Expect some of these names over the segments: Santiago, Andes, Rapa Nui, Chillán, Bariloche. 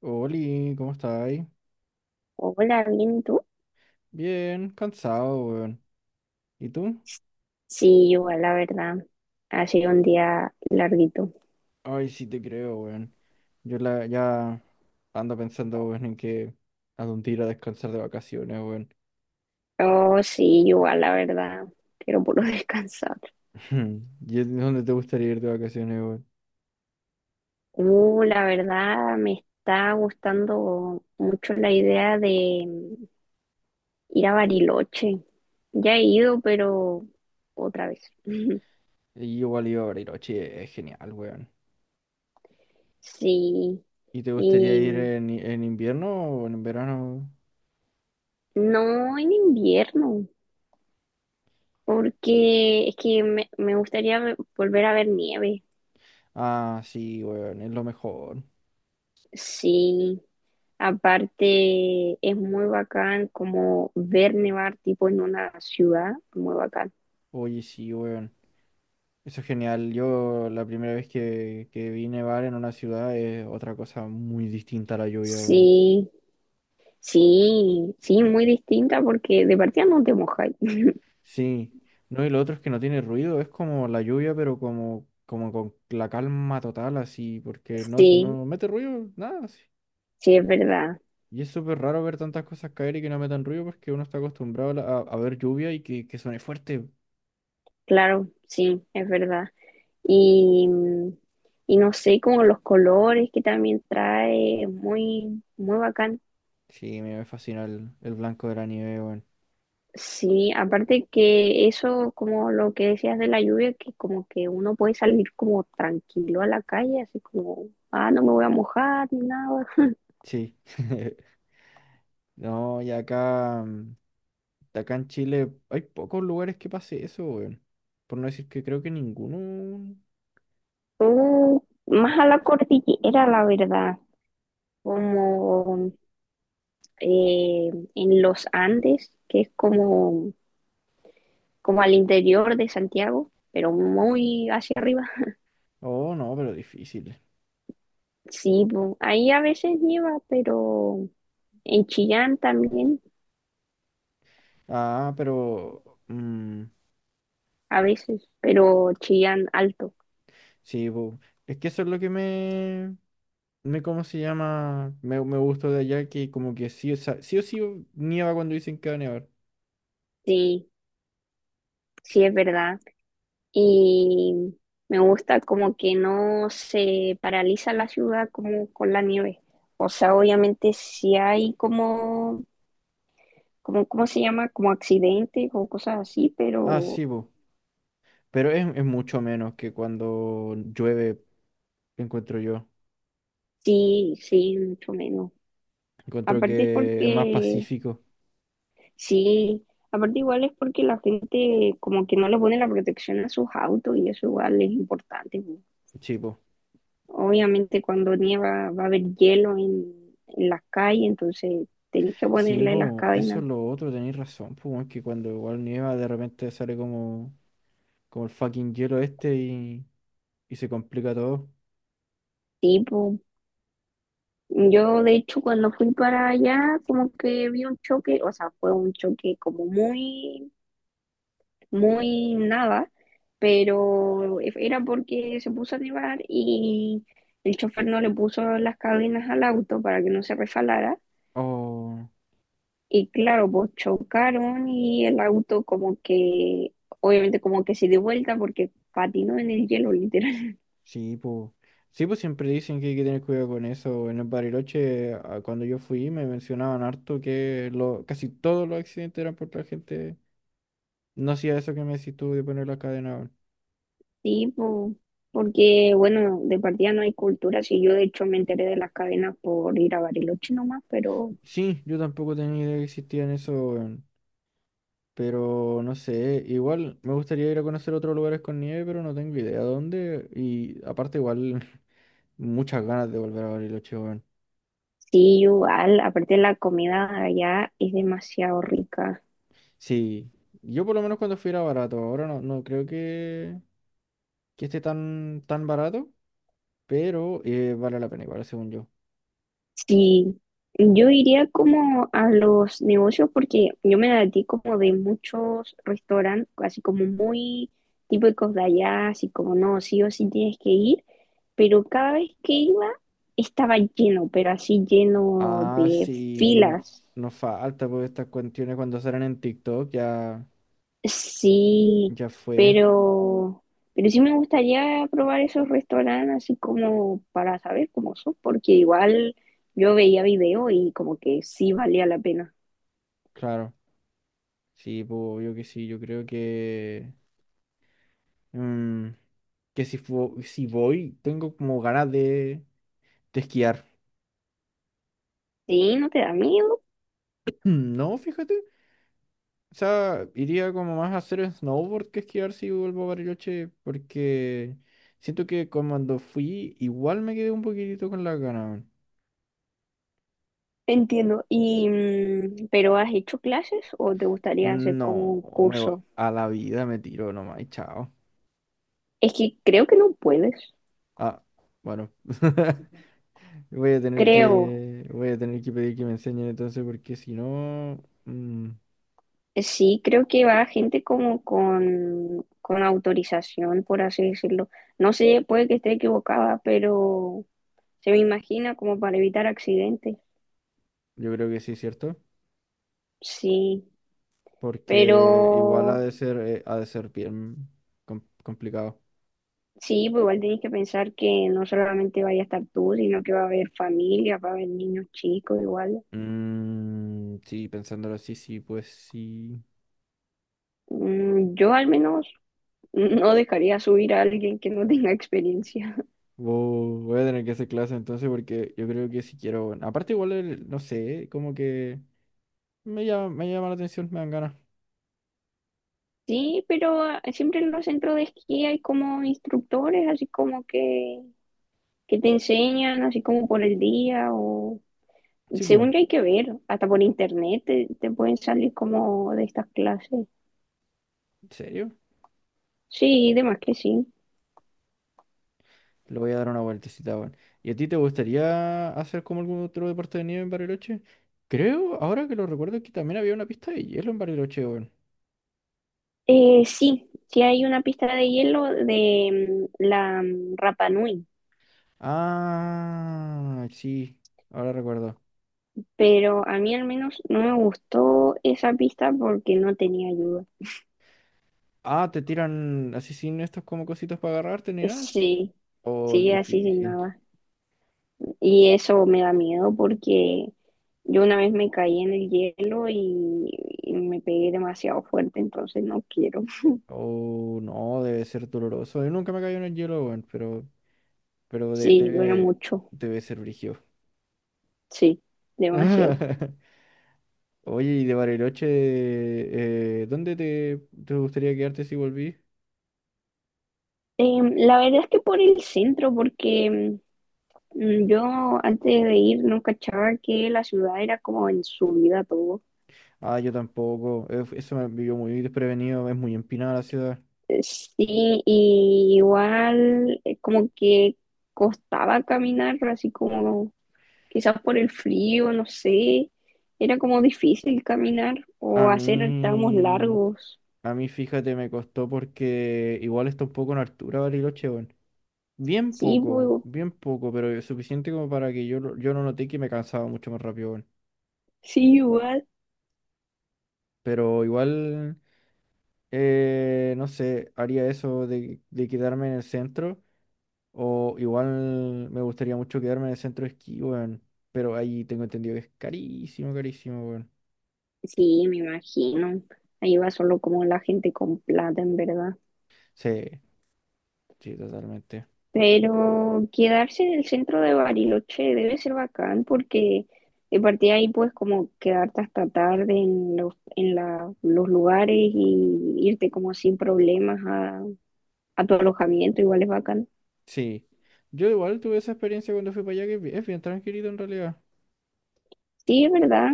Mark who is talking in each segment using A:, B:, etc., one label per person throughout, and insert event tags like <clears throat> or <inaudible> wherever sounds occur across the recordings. A: Oli, ¿cómo estáis?
B: Hola, bien, ¿y tú?
A: Bien, cansado, weón. ¿Y tú?
B: Sí, igual, la verdad. Ha sido un día larguito.
A: Ay, sí te creo, weón. Yo ya ando pensando, weón, en que a dónde ir a descansar de vacaciones, weón.
B: Oh, sí, igual, la verdad. Quiero puro <laughs> descansar.
A: <laughs> ¿Y dónde te gustaría ir de vacaciones, weón?
B: La verdad, me está gustando mucho la idea de ir a Bariloche. Ya he ido, pero otra vez. <laughs>
A: Y igual iba a Bariloche, es genial, weón.
B: Sí,
A: ¿Y te gustaría
B: y
A: ir en invierno o en verano?
B: no en invierno, porque es que me gustaría volver a ver nieve.
A: Ah, sí, weón, es lo mejor.
B: Sí. Aparte, es muy bacán como ver nevar tipo en una ciudad, muy bacán.
A: Oye, sí, weón. Eso es genial. Yo la primera vez que vi nevar en una ciudad es otra cosa muy distinta a la lluvia, weón.
B: Sí, sí, sí, muy distinta porque de partida no te mojáis.
A: Sí. No, y lo otro es que no tiene ruido, es como la lluvia, pero como con la calma total, así, porque no,
B: Sí,
A: no mete ruido, nada, así.
B: sí, es verdad,
A: Y es súper raro ver tantas cosas caer y que no metan ruido porque uno está acostumbrado a ver lluvia y que suene fuerte.
B: claro, sí, es verdad. Y, y no sé, como los colores que también trae, muy, muy bacán.
A: Sí, me fascina el blanco de la nieve, weón.
B: Sí, aparte que eso, como lo que decías de la lluvia, que como que uno puede salir como tranquilo a la calle, así como, ah, no me voy a mojar ni nada.
A: Sí. <laughs> No, y acá, acá en Chile hay pocos lugares que pase eso, weón. Por no decir que creo que ninguno.
B: O más a la cordillera, la verdad, como en los Andes, que es como, como al interior de Santiago, pero muy hacia arriba.
A: Oh, no, pero difícil.
B: Sí, po, ahí a veces nieva, pero en Chillán también,
A: Ah, pero. mm,
B: a veces, pero Chillán alto.
A: sí, po. Es que eso es lo que me. ¿Cómo se llama? Me gustó de allá que, como que sí, o sea, sí o sí nieva cuando dicen que va a nevar.
B: Sí. Sí, es verdad. Y me gusta como que no se paraliza la ciudad como con la nieve. O sea, obviamente si hay como, como, ¿cómo se llama? Como accidentes o cosas así,
A: Ah,
B: pero
A: sí, po. Pero es mucho menos que cuando llueve, encuentro yo.
B: sí, sí, mucho menos.
A: Encuentro
B: Aparte es
A: que es más
B: porque,
A: pacífico.
B: sí, aparte igual es porque la gente como que no le pone la protección a sus autos y eso igual es importante, pues.
A: Sí, po.
B: Obviamente cuando nieva va a haber hielo en las calles, entonces tenés que
A: Sí,
B: ponerle las
A: po, eso es
B: cadenas.
A: lo otro, tenéis razón, pues, weón, que cuando igual nieva de repente sale como el fucking hielo este y se complica todo.
B: Tipo, yo de hecho cuando fui para allá como que vi un choque, o sea, fue un choque como muy, muy nada, pero era porque se puso a nevar y el chofer no le puso las cadenas al auto para que no se refalara.
A: Oh,
B: Y claro, pues chocaron y el auto como que, obviamente como que se dio vuelta porque patinó en el hielo, <laughs> literal.
A: sí, pues. Sí, pues siempre dicen que hay que tener cuidado con eso. En el Bariloche, a- cuando yo fui, me mencionaban harto que lo, casi todos los accidentes eran porque la gente no hacía eso que me decís tú de poner la cadena. Weón.
B: Sí, po, porque bueno, de partida no hay cultura, sí, yo de hecho me enteré de las cadenas por ir a Bariloche nomás, pero
A: Sí, yo tampoco tenía idea que existían eso. Pero no sé, igual me gustaría ir a conocer otros lugares con nieve, pero no tengo idea dónde. Y aparte igual <laughs> muchas ganas de volver a Bariloche, weón.
B: sí, igual, aparte la comida allá es demasiado rica.
A: Sí, yo por lo menos cuando fui era barato, ahora no, no creo que esté tan barato, pero vale la pena igual, según yo.
B: Sí, yo iría como a los negocios porque yo me ti como de muchos restaurantes, así como muy típicos de allá, así como no, sí o sí tienes que ir, pero cada vez que iba estaba lleno, pero así lleno
A: Ah,
B: de
A: sí, no,
B: filas.
A: no falta, porque estas cuestiones cuando salen en TikTok ya,
B: Sí,
A: ya fue,
B: pero, pero sí me gustaría probar esos restaurantes así como para saber cómo son, porque igual yo veía video y como que sí valía la pena.
A: claro. Sí, pues obvio que sí, yo creo que... mm, que si voy, tengo como ganas de esquiar.
B: Sí, no te da miedo.
A: <clears throat> Mm, no, fíjate. O sea, iría como más a hacer snowboard que esquiar si vuelvo a Bariloche, porque siento que cuando fui, igual me quedé un poquitito con las ganas.
B: Entiendo. Y, ¿pero has hecho clases o te gustaría
A: Weón.
B: hacer como
A: No,
B: un
A: me, vo-
B: curso?
A: a la vida me tiro nomás y chao.
B: Es que creo que no puedes.
A: Ah, bueno. <laughs> Voy a tener
B: Creo.
A: que, voy a tener que pedir que me enseñen entonces, porque si no,
B: Sí, creo que va gente como con autorización, por así decirlo. No sé, puede que esté equivocada, pero se me imagina como para evitar accidentes.
A: yo creo que sí, ¿cierto?
B: Sí, pero
A: Porque igual ha de ser bien complicado.
B: sí, pues igual tienes que pensar que no solamente vaya a estar tú, sino que va a haber familia, va a haber niños chicos igual.
A: Mm, sí, pensándolo así, sí, pues sí.
B: Yo al menos no dejaría subir a alguien que no tenga experiencia. <laughs>
A: Vo- voy a tener que hacer clase entonces porque yo creo que si quiero... bueno, aparte igual, el- no sé, como que me llama la atención, me dan ganas.
B: Sí, pero ah, siempre en los centros de esquí hay como instructores, así como que te enseñan, así como por el día, o
A: Sí, pum.
B: según yo hay que ver, hasta por internet te pueden salir como de estas clases.
A: ¿En serio?
B: Sí, de más que sí.
A: Le voy a dar una vueltecita, weón. ¿Y a ti te gustaría hacer como algún otro deporte de nieve en Bariloche? Creo, ahora que lo recuerdo, que también había una pista de hielo en Bariloche, weón.
B: Sí, sí hay una pista de hielo de la Rapa Nui,
A: Ah, sí, ahora recuerdo.
B: pero a mí al menos no me gustó esa pista porque no tenía ayuda.
A: Ah, te tiran así sin estos como cositos para agarrarte ni nada, ¿así?
B: Sí,
A: Oh,
B: sí, así sin
A: difícil.
B: nada. Y eso me da miedo porque yo una vez me caí en el hielo y me pegué demasiado fuerte, entonces no quiero.
A: Oh, no, debe ser doloroso. Yo nunca me caí en el hielo, weón, pero, pero de-
B: Sí, duele
A: debe,
B: mucho,
A: debe ser brígido.
B: sí, demasiado.
A: <laughs> Oye, y de Bariloche, ¿dónde te gustaría quedarte si volví?
B: Em, la verdad es que por el centro, porque yo antes de ir no cachaba que la ciudad era como en subida todo.
A: Ah, yo tampoco. Eso me vivió muy desprevenido, es muy empinada la ciudad.
B: Sí, y igual como que costaba caminar, así como quizás por el frío, no sé, era como difícil caminar
A: A
B: o hacer tramos
A: mí.
B: largos.
A: A mí, fíjate, me costó porque igual está un poco en altura Bariloche, weón.
B: Sí, pues,
A: Bien poco, pero suficiente como para que yo no noté que me cansaba mucho más rápido, weón.
B: sí, igual.
A: Pero igual, no sé, haría eso de quedarme en el centro. O igual me gustaría mucho quedarme en el centro de esquí, weón. Pero ahí tengo entendido que es carísimo, carísimo, weón.
B: Sí, me imagino. Ahí va solo como la gente con plata, en verdad.
A: Sí, sí, totalmente.
B: Pero quedarse en el centro de Bariloche debe ser bacán porque de partida ahí puedes como quedarte hasta tarde en los, en los lugares y irte como sin problemas a tu alojamiento, igual es bacán.
A: Sí. Yo igual tuve esa experiencia cuando fui para allá, que es bien tranquilito en realidad.
B: Sí, es verdad.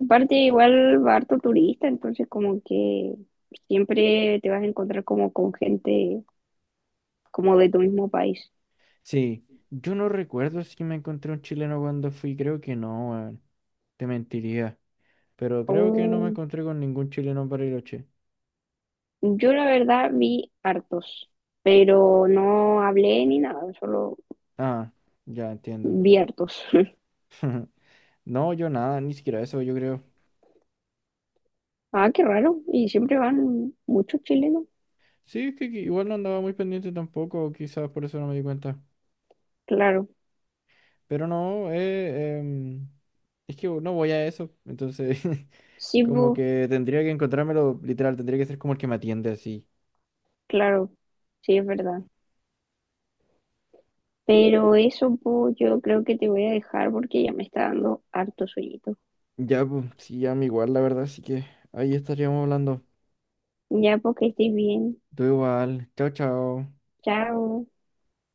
B: Aparte, igual va harto turista, entonces como que siempre te vas a encontrar como con gente como de tu mismo país.
A: Sí, yo no recuerdo si me encontré un chileno cuando fui, creo que no, weón. Te mentiría. Pero creo que no me
B: Oh,
A: encontré con ningún chileno en Bariloche.
B: yo la verdad vi hartos, pero no hablé ni nada, solo
A: Ah, ya entiendo.
B: vi hartos. <laughs>
A: <laughs> No, yo nada, ni siquiera eso, yo creo.
B: Ah, qué raro. Y siempre van muchos chilenos.
A: Sí, es que igual no andaba muy pendiente tampoco, quizás por eso no me di cuenta.
B: Claro,
A: Pero no, es que no voy a eso, entonces <laughs>
B: sí,
A: como
B: pues,
A: que tendría que encontrármelo, literal, tendría que ser como el que me atiende así.
B: claro, sí, es verdad. Pero eso, pues, yo creo que te voy a dejar porque ya me está dando harto sueñito.
A: Ya, pues, sí, ya me igual, la verdad, así que ahí estaríamos hablando.
B: Ya, porque estés bien.
A: Tú igual. Chao, chao.
B: Chao.